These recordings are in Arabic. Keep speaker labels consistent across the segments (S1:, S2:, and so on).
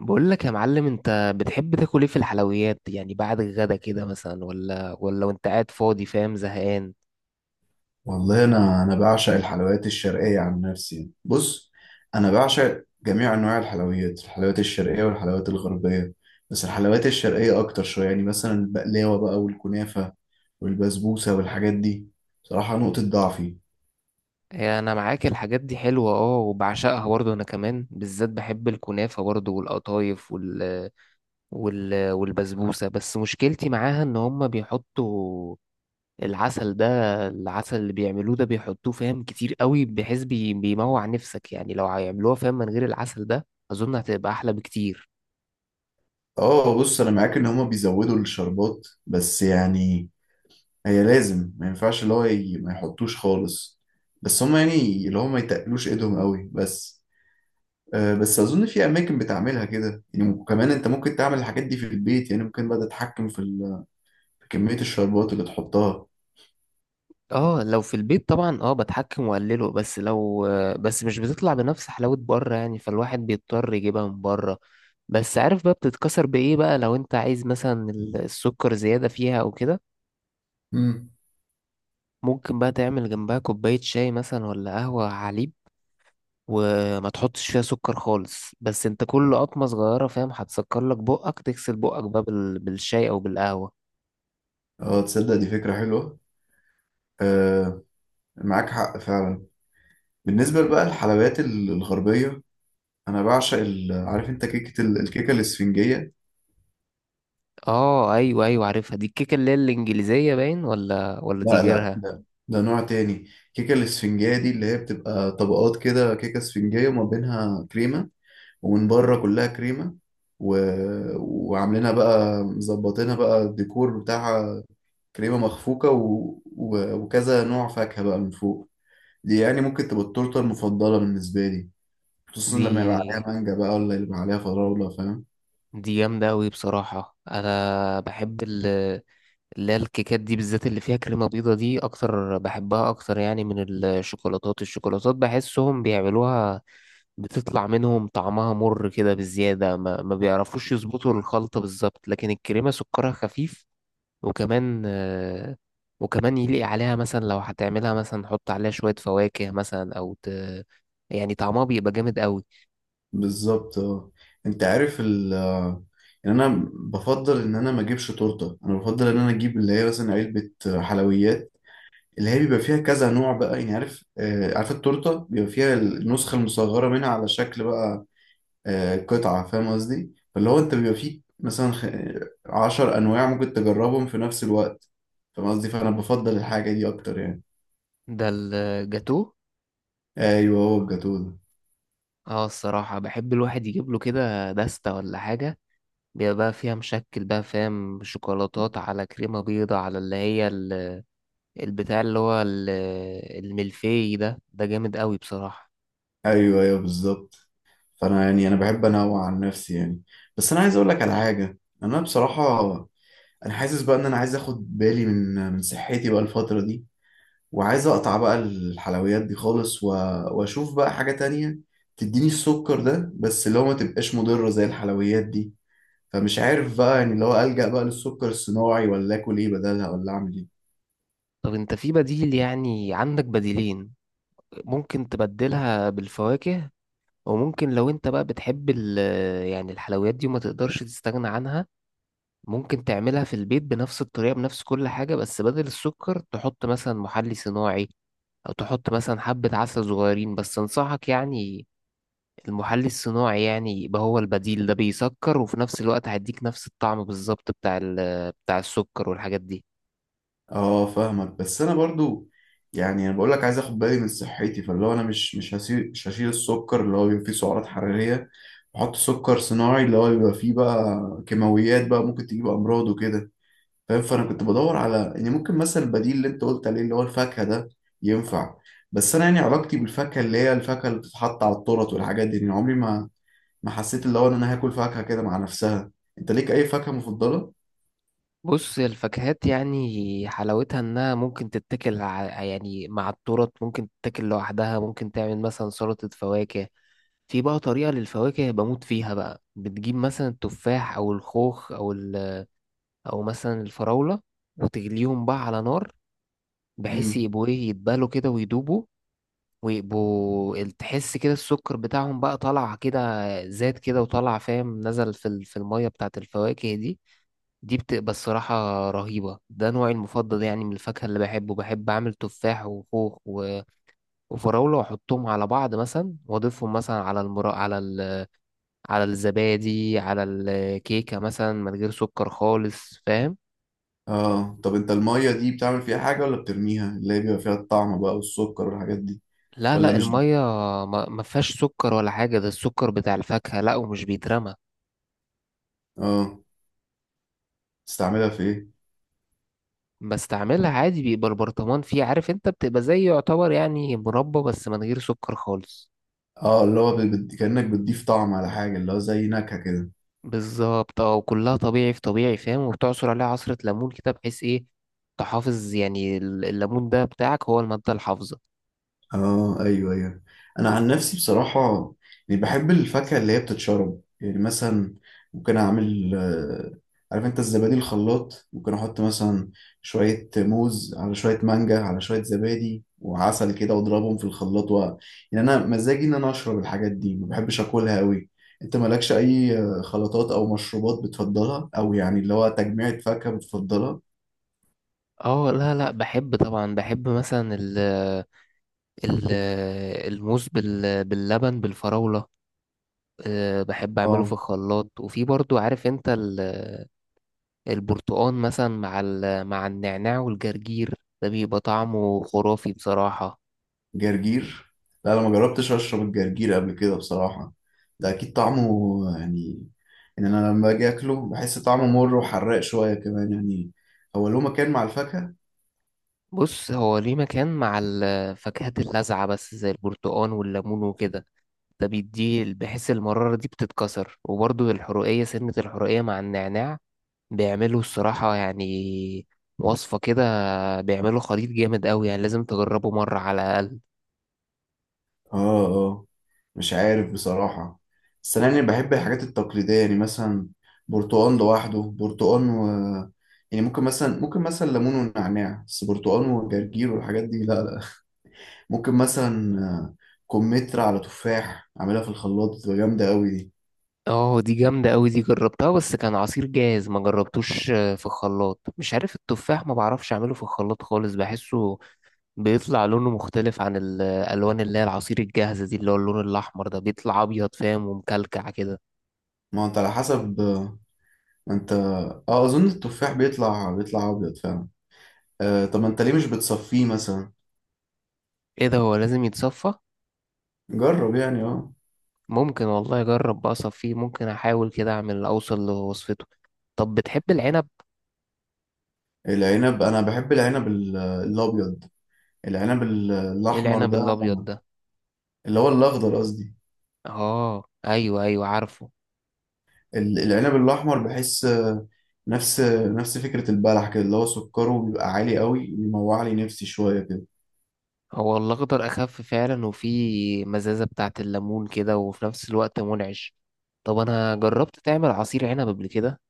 S1: بقول لك يا معلم، انت بتحب تاكل ايه في الحلويات؟ يعني بعد الغدا كده مثلا ولا وانت قاعد فاضي فاهم، زهقان.
S2: والله انا بعشق الحلويات الشرقيه عن نفسي. بص، انا بعشق جميع انواع الحلويات الشرقيه والحلويات الغربيه، بس الحلويات الشرقيه اكتر شويه. يعني مثلا البقلاوه بقى والكنافه والبسبوسه والحاجات دي، بصراحه نقطه ضعفي.
S1: هي انا معاك، الحاجات دي حلوة اه وبعشقها برضه، انا كمان بالذات بحب الكنافة برضه والقطايف والبسبوسة. بس مشكلتي معاها ان هما بيحطوا العسل، العسل اللي بيعملوه ده بيحطوه فاهم كتير قوي، بحيث بيموع نفسك. يعني لو هيعملوها فاهم من غير العسل ده اظن هتبقى احلى بكتير.
S2: اه بص، انا معاك ان هما بيزودوا الشربات، بس يعني هي لازم، ما ينفعش اللي هو ما يحطوش خالص، بس هما يعني اللي هما ما يتقلوش ايدهم قوي بس. بس اظن في اماكن بتعملها كده يعني، وكمان انت ممكن تعمل الحاجات دي في البيت، يعني ممكن بقى تتحكم في في كمية الشربات اللي تحطها.
S1: اه لو في البيت طبعا اه بتحكم واقلله، بس لو مش بتطلع بنفس حلاوة بره، يعني فالواحد بيضطر يجيبها من بره. بس عارف بقى بتتكسر بايه بقى لو انت عايز مثلا السكر زيادة فيها او كده؟
S2: امم.
S1: ممكن بقى تعمل جنبها كوباية شاي مثلا ولا قهوة على حليب، وما تحطش فيها سكر خالص. بس انت كل قطمة صغيرة فاهم هتسكر لك بقك، تغسل بقك بقى بالشاي او بالقهوة.
S2: اه تصدق دي فكرة حلوة. آه، معاك حق فعلا. بالنسبة بقى للحلويات الغربية، انا بعشق عارف انت كيكة الكيكة الاسفنجية.
S1: اه ايوه ايوه عارفها دي، الكيكة اللي هي الانجليزية باين، ولا
S2: لا
S1: دي
S2: لا،
S1: غيرها؟
S2: ده نوع تاني. الكيكة الاسفنجية دي اللي هي بتبقى طبقات كده، كيكة اسفنجية وما بينها كريمة، ومن بره كلها كريمه، و... وعاملينها بقى، مظبطينها بقى الديكور بتاعها، كريمه مخفوقه وكذا نوع فاكهه بقى من فوق. دي يعني ممكن تبقى التورته المفضله بالنسبه لي، خصوصا
S1: دي
S2: لما يبقى عليها مانجا بقى، ولا يبقى عليها فراوله فاهم.
S1: دي جامدة أوي بصراحة. أنا بحب اللي هي الكيكات دي بالذات اللي فيها كريمة بيضة دي أكتر، بحبها أكتر يعني من الشوكولاتات. بحسهم بيعملوها بتطلع منهم طعمها مر كده بزيادة، ما بيعرفوش يظبطوا الخلطة بالظبط. لكن الكريمة سكرها خفيف، وكمان وكمان يليق عليها مثلا لو هتعملها مثلا حط عليها شوية فواكه مثلا يعني طعمها بيبقى جامد أوي.
S2: بالظبط اه. انت عارف ال، يعني انا بفضل ان انا ما اجيبش تورته، انا بفضل ان انا اجيب اللي هي مثلا علبه حلويات، اللي هي بيبقى فيها كذا نوع بقى. يعني عارف آه، عارف التورته بيبقى فيها النسخه المصغره منها على شكل بقى، آه قطعه، فاهم قصدي؟ فاللي هو انت بيبقى فيه مثلا عشر انواع ممكن تجربهم في نفس الوقت، فاهم قصدي؟ فانا بفضل الحاجه دي اكتر يعني.
S1: ده الجاتو.
S2: ايوه هو الجاتوه ده.
S1: اه الصراحة بحب الواحد يجيب له كده دستة ولا حاجة، بيبقى بقى فيها مشكل بقى فاهم، شوكولاتات على كريمة بيضة على اللي هي البتاع اللي هو الملفي ده، ده جامد قوي بصراحة.
S2: ايوه ايوه بالظبط. فانا يعني انا بحب انوع عن نفسي يعني. بس انا عايز اقول لك على حاجه، انا بصراحه انا حاسس بقى ان انا عايز اخد بالي من صحتي بقى الفتره دي، وعايز اقطع بقى الحلويات دي خالص، واشوف بقى حاجة تانية تديني السكر ده، بس اللي هو ما تبقاش مضرة زي الحلويات دي. فمش عارف بقى يعني، اللي هو ألجأ بقى للسكر الصناعي، ولا اكل ايه بدلها، ولا اعمل ايه؟
S1: طب انت في بديل، يعني عندك بديلين. ممكن تبدلها بالفواكه، وممكن لو انت بقى بتحب يعني الحلويات دي وما تقدرش تستغنى عنها، ممكن تعملها في البيت بنفس الطريقة بنفس كل حاجة، بس بدل السكر تحط مثلا محلي صناعي، او تحط مثلا حبة عسل صغيرين. بس انصحك يعني المحلي الصناعي، يعني يبقى هو البديل ده بيسكر وفي نفس الوقت هيديك نفس الطعم بالظبط بتاع بتاع السكر والحاجات دي.
S2: اه فاهمك، بس انا برضو يعني انا بقول لك عايز اخد بالي من صحتي، فاللي هو انا مش هسيب، مش هشيل السكر اللي هو بيبقى فيه سعرات حرارية، واحط سكر صناعي اللي هو بيبقى فيه بقى كيماويات بقى ممكن تجيب امراض وكده فاهم. فانا كنت بدور على يعني ممكن مثلا البديل اللي انت قلت عليه اللي هو الفاكهه ده ينفع. بس انا يعني علاقتي بالفاكهه اللي هي الفاكهه اللي بتتحط على التورت والحاجات دي، يعني عمري ما حسيت اللي هو ان انا هاكل فاكهه كده مع نفسها. انت ليك اي فاكهه مفضله؟
S1: بص الفاكهات يعني حلاوتها انها ممكن تتاكل يعني مع التورت، ممكن تتاكل لوحدها، ممكن تعمل مثلا سلطة فواكه. في بقى طريقة للفواكه بموت فيها بقى، بتجيب مثلا التفاح او الخوخ او مثلا الفراولة، وتغليهم بقى على نار بحيث
S2: امم.
S1: يبقوا ايه، يتبالوا كده ويدوبوا. ويبقوا تحس كده السكر بتاعهم بقى طالع كده، زاد كده وطالع فاهم، نزل في في المية بتاعت الفواكه دي. دي بتبقى الصراحة رهيبة. ده نوعي المفضل يعني من الفاكهة اللي بحبه، بحب أعمل تفاح وخوخ وفراولة وأحطهم على بعض مثلا، وأضيفهم مثلا على المرا على الزبادي، على الكيكة مثلا من غير سكر خالص فاهم.
S2: اه طب انت الميه دي بتعمل فيها حاجه ولا بترميها، اللي هي بيبقى فيها الطعم بقى والسكر والحاجات دي؟
S1: لا
S2: ولا
S1: لا
S2: مش.
S1: المية ما فيهاش سكر ولا حاجة، ده السكر بتاع الفاكهة، لا ومش بيترمى.
S2: اه تستعملها في ايه؟
S1: بستعملها عادي، بيبقى البرطمان فيه عارف انت، بتبقى زي يعتبر يعني مربى بس من غير سكر خالص.
S2: اه اللي هو كانك بتضيف طعم على حاجه، اللي هو زي نكهه كده.
S1: بالظبط اه، وكلها طبيعي في طبيعي فاهم، وبتعصر عليها عصرة ليمون كده بحيث ايه، تحافظ يعني الليمون ده بتاعك هو المادة الحافظة.
S2: اه ايوه ايوه. انا عن نفسي بصراحه يعني بحب الفاكهه اللي هي بتتشرب يعني. مثلا ممكن اعمل عارف انت الزبادي، الخلاط ممكن احط مثلا شويه موز على شويه مانجا على شويه زبادي وعسل كده واضربهم في الخلاط يعني انا مزاجي ان انا اشرب الحاجات دي، ما بحبش اكلها قوي. انت مالكش اي خلطات او مشروبات بتفضلها، او يعني اللي هو تجميعة فاكهه بتفضلها؟
S1: اه لا لا بحب طبعا، بحب مثلا ال ال الموز باللبن بالفراولة. بحب اعمله في
S2: اه
S1: الخلاط، وفي برضو عارف انت البرتقان مثلا مع مع النعناع والجرجير، ده بيبقى طعمه خرافي بصراحة.
S2: جرجير؟ لا انا ما جربتش اشرب الجرجير قبل كده بصراحة. ده اكيد طعمه يعني، ان انا لما اجي اكله بحس طعمه مر وحراق شوية كمان يعني. هو له مكان مع الفاكهة؟
S1: بص هو ليه مكان مع الفاكهات اللاذعة بس زي البرتقان والليمون وكده، ده بيديه بحيث المرارة دي بتتكسر، وبرضه الحرقية سنة الحرقية مع النعناع، بيعملوا الصراحة يعني وصفة كده، بيعملوا خليط جامد قوي، يعني لازم تجربه مرة على الأقل.
S2: اه اه. مش عارف بصراحة. بس انا يعني بحب الحاجات التقليدية يعني مثلا برتقال لوحده، برتقال و، يعني ممكن مثلا، ممكن مثلا ليمون ونعناع، بس برتقال وجرجير والحاجات دي لا لا. ممكن مثلا كمثرى على تفاح اعملها في الخلاط، بتبقى جامدة قوي دي.
S1: اه دي جامدة قوي، دي جربتها بس كان عصير جاهز، ما جربتوش في الخلاط. مش عارف التفاح ما بعرفش اعمله في الخلاط خالص، بحسه بيطلع لونه مختلف عن الالوان اللي هي العصير الجاهزة دي، اللي هو اللون الاحمر ده بيطلع ابيض فاهم ومكلكع كده.
S2: ما هو انت على حسب، ما انت، اه اظن التفاح بيطلع ابيض فعلا. آه طب ما انت ليه مش بتصفيه مثلا؟
S1: ايه ده، هو لازم يتصفى؟
S2: جرب يعني اه.
S1: ممكن والله اجرب بقى اصفيه، ممكن احاول كده اعمل اوصل لوصفته. طب بتحب العنب؟
S2: العنب، انا بحب العنب الابيض. العنب
S1: ايه
S2: الاحمر
S1: العنب
S2: ده،
S1: الابيض ده؟
S2: اللي هو الاخضر قصدي.
S1: اه ايوه ايوه عارفه.
S2: العنب الاحمر بحس نفس نفس فكرة البلح كده، اللي هو سكره بيبقى عالي قوي، بيموع لي نفسي شوية كده.
S1: هو الأخضر أخف فعلا، وفي مزازة بتاعة الليمون كده، وفي نفس الوقت منعش. طب أنا جربت تعمل عصير عنب قبل كده؟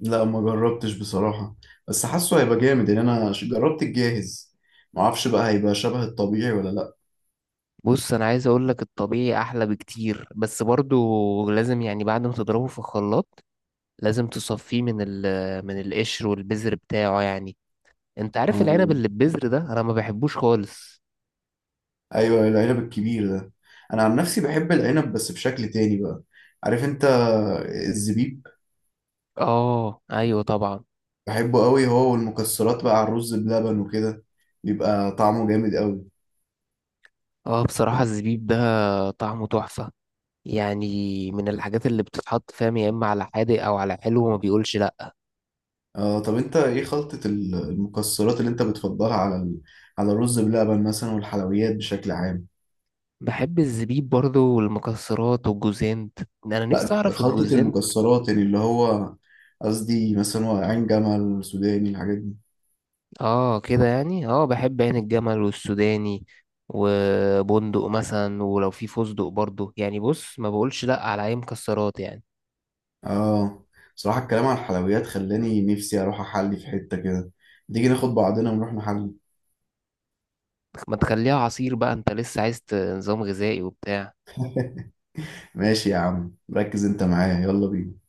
S2: لا ما جربتش بصراحة، بس حاسه هيبقى جامد يعني. انا جربت الجاهز، ما اعرفش بقى هيبقى شبه الطبيعي ولا لا.
S1: بص أنا عايز أقولك الطبيعي أحلى بكتير، بس برضو لازم يعني بعد ما تضربه في الخلاط لازم تصفيه من القشر والبذر بتاعه يعني. أنت عارف
S2: آه.
S1: العنب اللي ببذر ده أنا ما بحبوش خالص.
S2: ايوه العنب الكبير ده، انا عن نفسي بحب العنب بس بشكل تاني بقى. عارف انت الزبيب؟
S1: آه أيوة طبعا.
S2: بحبه قوي، هو والمكسرات بقى على الرز بلبن وكده، بيبقى طعمه جامد قوي.
S1: آه بصراحة الزبيب ده طعمه تحفة، يعني من الحاجات اللي بتتحط فاهم يا إما على حادق أو على حلو، وما بيقولش لأ.
S2: آه طب انت ايه خلطة المكسرات اللي انت بتفضلها على ال، على الرز بلبن مثلا والحلويات بشكل عام؟
S1: بحب الزبيب برضو والمكسرات والجوزانت، انا نفسي
S2: لا
S1: اعرف
S2: خلطة
S1: الجوزانت.
S2: المكسرات يعني اللي هو، قصدي مثلا هو عين جمل، سوداني، الحاجات دي.
S1: اه كده يعني، اه بحب عين الجمل والسوداني وبندق مثلا، ولو في فستق برضو يعني بص ما بقولش لا على اي مكسرات يعني.
S2: اه بصراحة الكلام عن الحلويات خلاني نفسي اروح احلي في حتة كده. تيجي ناخد بعضنا ونروح نحلي؟
S1: ما تخليها عصير بقى، انت لسه عايز نظام غذائي وبتاع.
S2: ماشي يا عم، ركز انت معايا، يلا بينا.